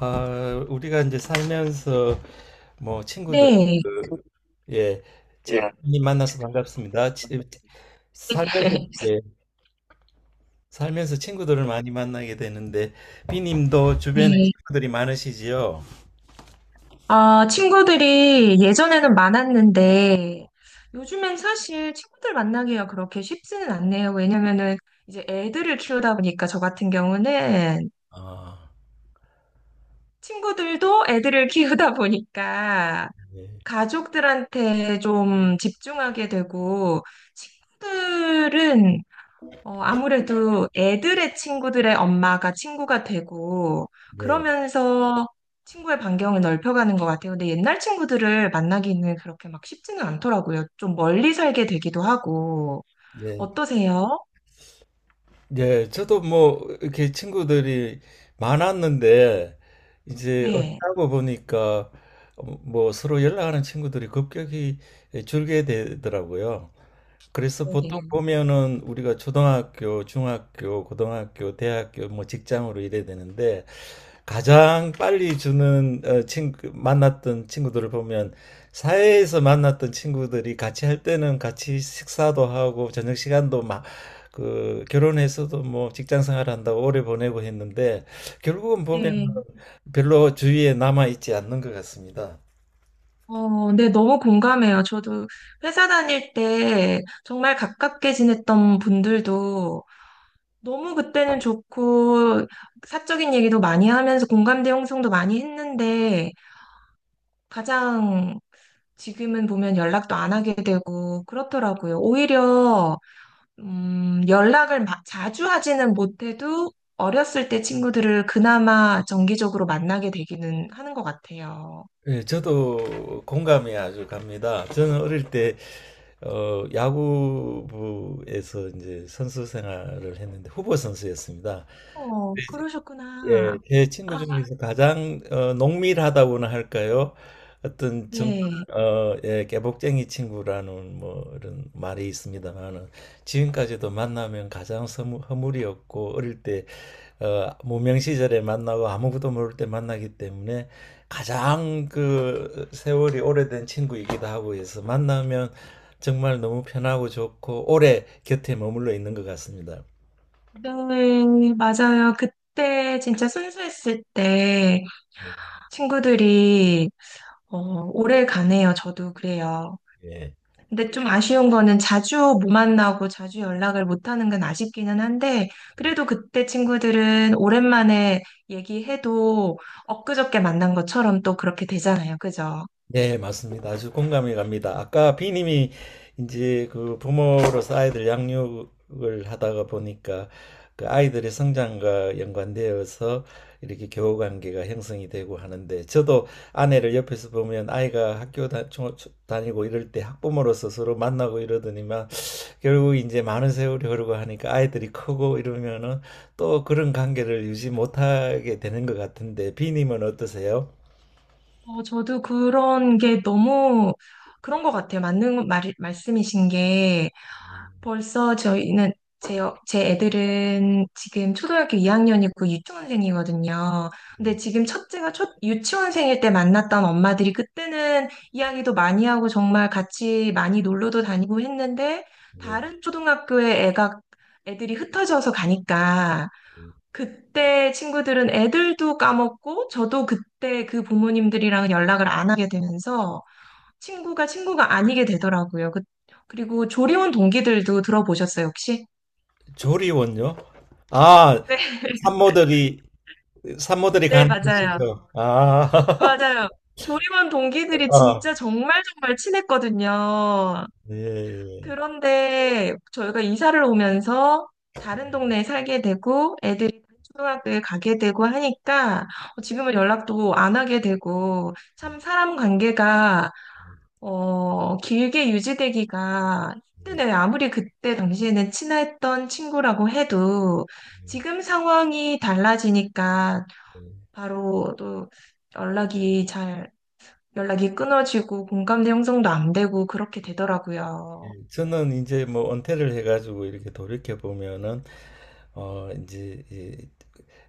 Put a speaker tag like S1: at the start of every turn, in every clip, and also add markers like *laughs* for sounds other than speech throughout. S1: 아, 우리가 이제 살면서 뭐 친구들
S2: 네.
S1: 그, 예,
S2: 예.
S1: 많이 만나서 반갑습니다. 살면서
S2: *laughs*
S1: 예, 살면서 친구들을 많이 만나게 되는데 비님도 주변에
S2: 네.
S1: 친구들이 많으시지요?
S2: 아, 친구들이 예전에는 많았는데, 요즘엔 사실 친구들 만나기가 그렇게 쉽지는 않네요. 왜냐면은 이제 애들을 키우다 보니까, 저 같은 경우는
S1: 아,
S2: 친구들도 애들을 *laughs* 키우다 보니까,
S1: 예,
S2: 가족들한테 좀 집중하게 되고, 친구들은 아무래도 애들의 친구들의 엄마가 친구가 되고,
S1: 예,
S2: 그러면서 친구의 반경을 넓혀가는 것 같아요. 근데 옛날 친구들을 만나기는 그렇게 막 쉽지는 않더라고요. 좀 멀리 살게 되기도 하고.
S1: 예,
S2: 어떠세요?
S1: 예. 저도 뭐 이렇게 친구들이 많았는데 이제
S2: 네.
S1: 어쩌고 보니까 뭐 서로 연락하는 친구들이 급격히 줄게 되더라고요. 그래서
S2: 네.
S1: 보통
S2: 네.
S1: 보면은 우리가 초등학교, 중학교, 고등학교, 대학교, 뭐 직장으로 이래야 되는데 가장 빨리 주는 친구 만났던 친구들을 보면 사회에서 만났던 친구들이 같이 할 때는 같이 식사도 하고 저녁 시간도 막 그 결혼해서도 뭐 직장 생활한다고 오래 보내고 했는데 결국은 보면
S2: 네.
S1: 별로 주위에 남아 있지 않는 것 같습니다.
S2: 어, 네, 너무 공감해요. 저도 회사 다닐 때 정말 가깝게 지냈던 분들도 너무 그때는 좋고, 사적인 얘기도 많이 하면서 공감대 형성도 많이 했는데, 가장 지금은 보면 연락도 안 하게 되고 그렇더라고요. 오히려 연락을 자주 하지는 못해도 어렸을 때 친구들을 그나마 정기적으로 만나게 되기는 하는 것 같아요.
S1: 예, 저도 공감이 아주 갑니다. 저는 어릴 때 야구부에서 이제 선수 생활을 했는데 후보 선수였습니다.
S2: 어,
S1: 예,
S2: 그러셨구나.
S1: 제 친구
S2: 아,
S1: 중에서 가장 농밀하다고나 할까요? 어떤 정말
S2: 네.
S1: 예, 깨복쟁이 친구라는 뭐 이런 말이 있습니다만은 지금까지도 만나면 가장 서무- 허물이 없고 어릴 때 무명 시절에 만나고 아무것도 모를 때 만나기 때문에 가장 그 세월이 오래된 친구이기도 하고 해서 만나면 정말 너무 편하고 좋고 오래 곁에 머물러 있는 것 같습니다.
S2: 네, 맞아요. 그때 진짜 순수했을 때 친구들이 어, 오래 가네요. 저도 그래요.
S1: 예.
S2: 근데 좀 아쉬운 거는 자주 못 만나고 자주 연락을 못 하는 건 아쉽기는 한데, 그래도 그때 친구들은 오랜만에 얘기해도 엊그저께 만난 것처럼 또 그렇게 되잖아요. 그죠?
S1: 네, 맞습니다. 아주 공감이 갑니다. 아까 비님이 이제 그 부모로서 아이들 양육을 하다가 보니까 그 아이들의 성장과 연관되어서 이렇게 교우 관계가 형성이 되고 하는데 저도 아내를 옆에서 보면 아이가 학교 다, 초- 초- 다니고 이럴 때 학부모로서 서로 만나고 이러더니만 결국 이제 많은 세월이 흐르고 하니까 아이들이 크고 이러면은 또 그런 관계를 유지 못하게 되는 것 같은데 비님은 어떠세요?
S2: 어, 저도 그런 게 너무 그런 것 같아요. 맞는 말씀이신 게.
S1: 음,
S2: 벌써 저희는 제, 제 애들은 지금 초등학교 2학년이고 유치원생이거든요. 근데
S1: 음,
S2: 지금 첫째가 첫 유치원생일 때 만났던 엄마들이 그때는 이야기도 많이 하고 정말 같이 많이 놀러도 다니고 했는데
S1: 네.
S2: 다른 초등학교에 애가 애들이 흩어져서 가니까 그때 친구들은 애들도 까먹고 저도 그때 그 부모님들이랑 연락을 안 하게 되면서 친구가 친구가 아니게 되더라고요. 그리고 조리원 동기들도 들어보셨어요, 혹시?
S1: 조리원요? 아,
S2: 네,
S1: 산모들이, 산모들이
S2: 네,
S1: 가는
S2: 맞아요.
S1: 곳이죠. 아, *laughs*
S2: 맞아요. 조리원 동기들이
S1: 아,
S2: 진짜 정말 정말 친했거든요.
S1: 예, 예.
S2: 그런데 저희가 이사를 오면서 다른 동네에 살게 되고 애들이 다른 초등학교에 가게 되고 하니까 지금은 연락도 안 하게 되고 참 사람 관계가 길게 유지되기가 힘드네요. 아무리 그때 당시에는 친했던 친구라고 해도 지금 상황이 달라지니까 바로 또 연락이 잘, 연락이 끊어지고 공감대 형성도 안 되고 그렇게 되더라고요.
S1: 예, 저는 이제 뭐 은퇴를 해가지고 이렇게 돌이켜 보면은, 이제, 예,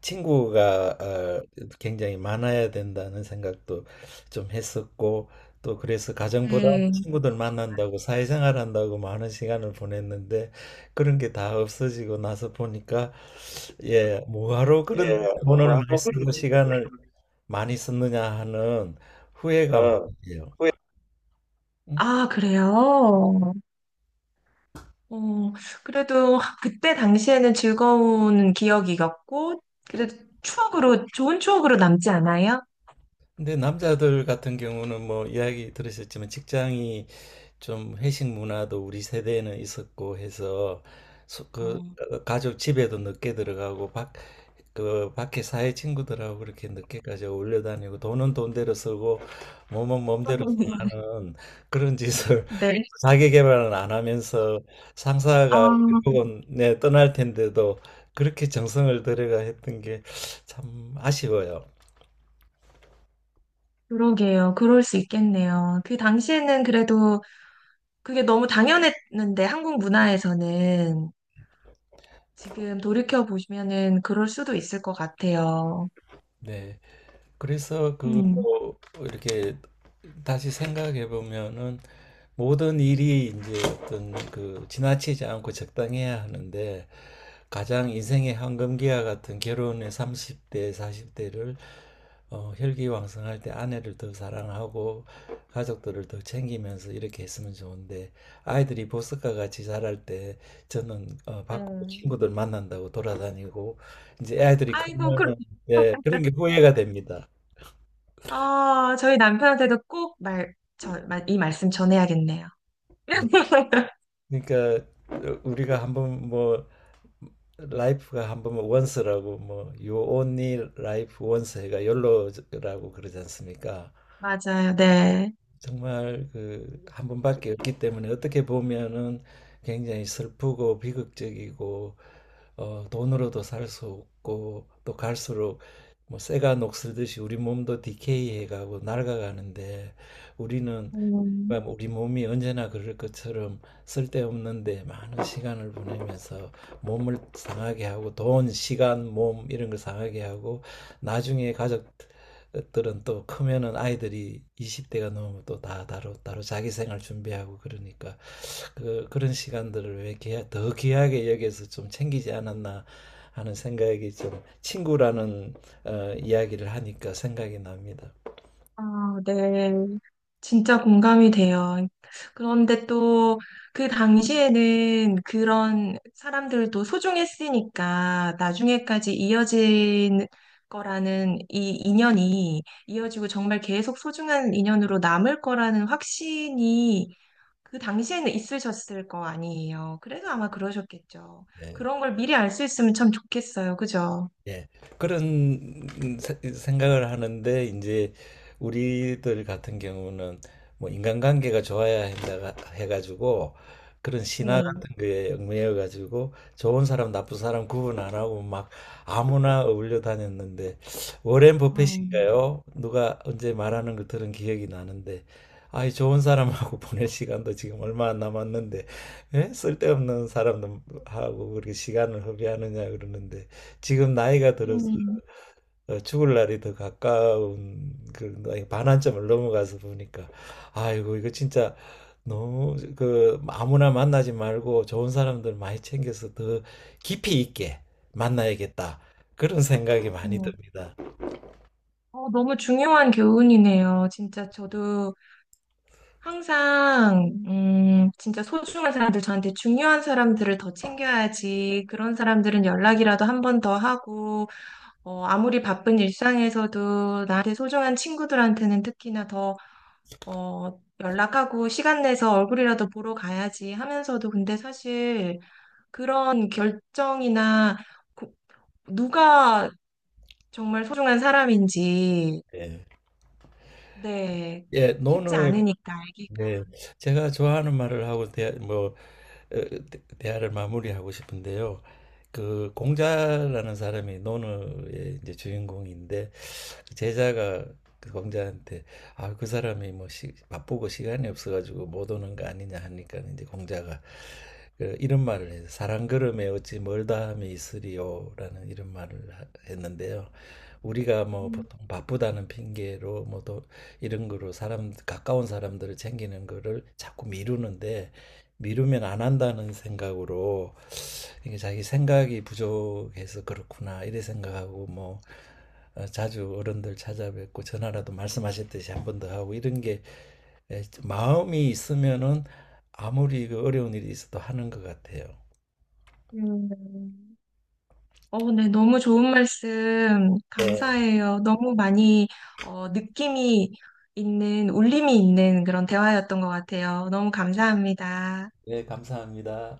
S1: 친구가 굉장히 많아야 된다는 생각도 좀 했었고 또 그래서 가정보다
S2: 네.
S1: 친구들 만난다고 사회생활 한다고 많은 시간을 보냈는데 그런 게 다 없어지고 나서 보니까 예 뭐하러 그런
S2: 예,
S1: 돈을
S2: 뭐가
S1: 많이
S2: 하고 그
S1: 쓰고 시간을 많이 썼느냐 하는 후회가 많아요.
S2: 후회
S1: 음?
S2: 아, 그래요? 어, 그래도 그때 당시에는 즐거운 기억이었고, 그래도 추억으로, 좋은 추억으로 남지 않아요?
S1: 근데 남자들 같은 경우는 뭐 이야기 들으셨지만 직장이 좀 회식 문화도 우리 세대에는 있었고 해서 소- 그
S2: 어.
S1: 가족 집에도 늦게 들어가고 밖, 그 밖에 사회 친구들하고 그렇게 늦게까지 어울려 다니고 돈은 돈대로 쓰고 몸은 몸대로
S2: *laughs*
S1: 사는 그런 짓을 *laughs* 자기 개발은 안 하면서 상사가 결국은 네, 떠날 텐데도 그렇게 정성을 들여가 했던 게 참 아쉬워요.
S2: 그러게요. 그럴 수 있겠네요. 그 당시에는 그래도 그게 너무 당연했는데, 한국 문화에서는 지금 돌이켜 보시면은 그럴 수도 있을 것 같아요.
S1: 네. 그래서 그
S2: 음.
S1: 이렇게 다시 생각해 보면은 모든 일이 이제 어떤 그 지나치지 않고 적당해야 하는데 가장 인생의 황금기와 같은 결혼의 30대, 40대를 혈기왕성할 때 아내를 더 사랑하고 가족들을 더 챙기면서 이렇게 했으면 좋은데 아이들이 보석과 같이 자랄 때 저는 밖으로
S2: 네.
S1: 친구들 만난다고 돌아다니고 이제 아이들이
S2: 아이고,
S1: 크면 예, 그런
S2: *laughs*
S1: 게 후회가 됩니다.
S2: 아, 저희 남편한테도 꼭 이 말씀 전해야겠네요.
S1: 네.
S2: *laughs*
S1: 그러니까 우리가 한번 뭐 라이프가 한번 뭐 원스라고 뭐 you only life once 해가 욜로라고 그러지 않습니까?
S2: 맞아요. 네.
S1: 정말 그 한 번밖에 없기 때문에 어떻게 보면은 굉장히 슬프고 비극적이고 어 돈으로도 살 수 없고 또 갈수록 뭐 쇠가 녹슬듯이 우리 몸도 디케이해 가고 낡아가는데 우리는
S2: 음,
S1: 그러니까 우리 몸이 언제나 그럴 것처럼 쓸데없는데 많은 시간을 보내면서 몸을 상하게 하고 돈, 시간, 몸 이런 걸 상하게 하고 나중에 가족들은 또 크면은 아이들이 20대가 넘으면 또 다 따로 따로 자기 생활 준비하고 그러니까 그, 그런 시간들을 왜 귀하, 더 귀하게 여기서 좀 챙기지 않았나 하는 생각이 좀 친구라는 이야기를 하니까 생각이 납니다.
S2: 아, 네. 진짜 공감이 돼요. 그런데 또 그 당시에는 그런 사람들도 소중했으니까 나중에까지 이어진 거라는 이 인연이 이어지고 정말 계속 소중한 인연으로 남을 거라는 확신이 그 당시에는 있으셨을 거 아니에요. 그래서 아마 그러셨겠죠.
S1: 예.
S2: 그런 걸 미리 알 수 있으면 참 좋겠어요. 그죠?
S1: 예, 그런 세- 생각을 하는데 이제 우리들 같은 경우는 뭐 인간관계가 좋아야 한다 해가지고 그런 신화
S2: 네.
S1: 같은 거에 얽매여 가지고 좋은 사람 나쁜 사람 구분 안 하고 막 아무나 어울려 다녔는데 워렌
S2: 음.
S1: 버핏인가요? 누가 언제 말하는 걸 들은 기억이 나는데 아이 좋은 사람하고 *laughs* 보낼 시간도 지금 얼마 안 남았는데 예? 쓸데없는 사람하고 그렇게 시간을 허비하느냐 그러는데 지금 나이가 들어서
S2: 음.
S1: 죽을 날이 더 가까운 그런 나이, 반환점을 넘어가서 보니까 아이고 이거 진짜 너무 그 아무나 만나지 말고 좋은 사람들 많이 챙겨서 더 깊이 있게 만나야겠다 그런 생각이 많이 듭니다.
S2: 어, 너무 중요한 교훈이네요. 진짜 저도 항상, 진짜 소중한 사람들, 저한테 중요한 사람들을 더 챙겨야지. 그런 사람들은 연락이라도 한 번 더 하고, 아무리 바쁜 일상에서도 나한테 소중한 친구들한테는 특히나 더, 연락하고 시간 내서 얼굴이라도 보러 가야지 하면서도 근데 사실 그런 결정이나 고- 누가 정말 소중한 사람인지
S1: 예,
S2: 네.
S1: 예,
S2: 쉽지
S1: 노는
S2: 않으니까, 아기가.
S1: 네, 제가 좋아하는 말을 하고 대, 뭐 어, 대- 대화를 마무리하고 싶은데요. 그 공자라는 사람이 논어의 이제 주인공인데 그 제자가 그 공자한테 아, 그 사람이 뭐 시, 바쁘고 시간이 없어가지고 못 오는 거 아니냐 하니까 이제 공자가 그 이런 말을 해요. 사람 걸음에 어찌 멀다함이 있으리요라는 이런 말을 하- 했는데요. 우리가 뭐
S2: 음.
S1: 보통 바쁘다는 핑계로 뭐또 이런 거로 사람 가까운 사람들을 챙기는 거를 자꾸 미루는데 미루면 안 한다는 생각으로 이게 자기 생각이 부족해서 그렇구나 이래 생각하고 뭐 자주 어른들 찾아뵙고 전화라도 말씀하셨듯이 한 번 더 하고 이런 게 예, 마음이 있으면은 아무리 그 어려운 일이 있어도 하는 것 같아요.
S2: 음. 어, 네. 너무 좋은 말씀
S1: 네,
S2: 감사해요. 너무 많이 느낌이 있는, 울림이 있는 그런 대화였던 것 같아요. 너무 감사합니다.
S1: 네, 감사합니다.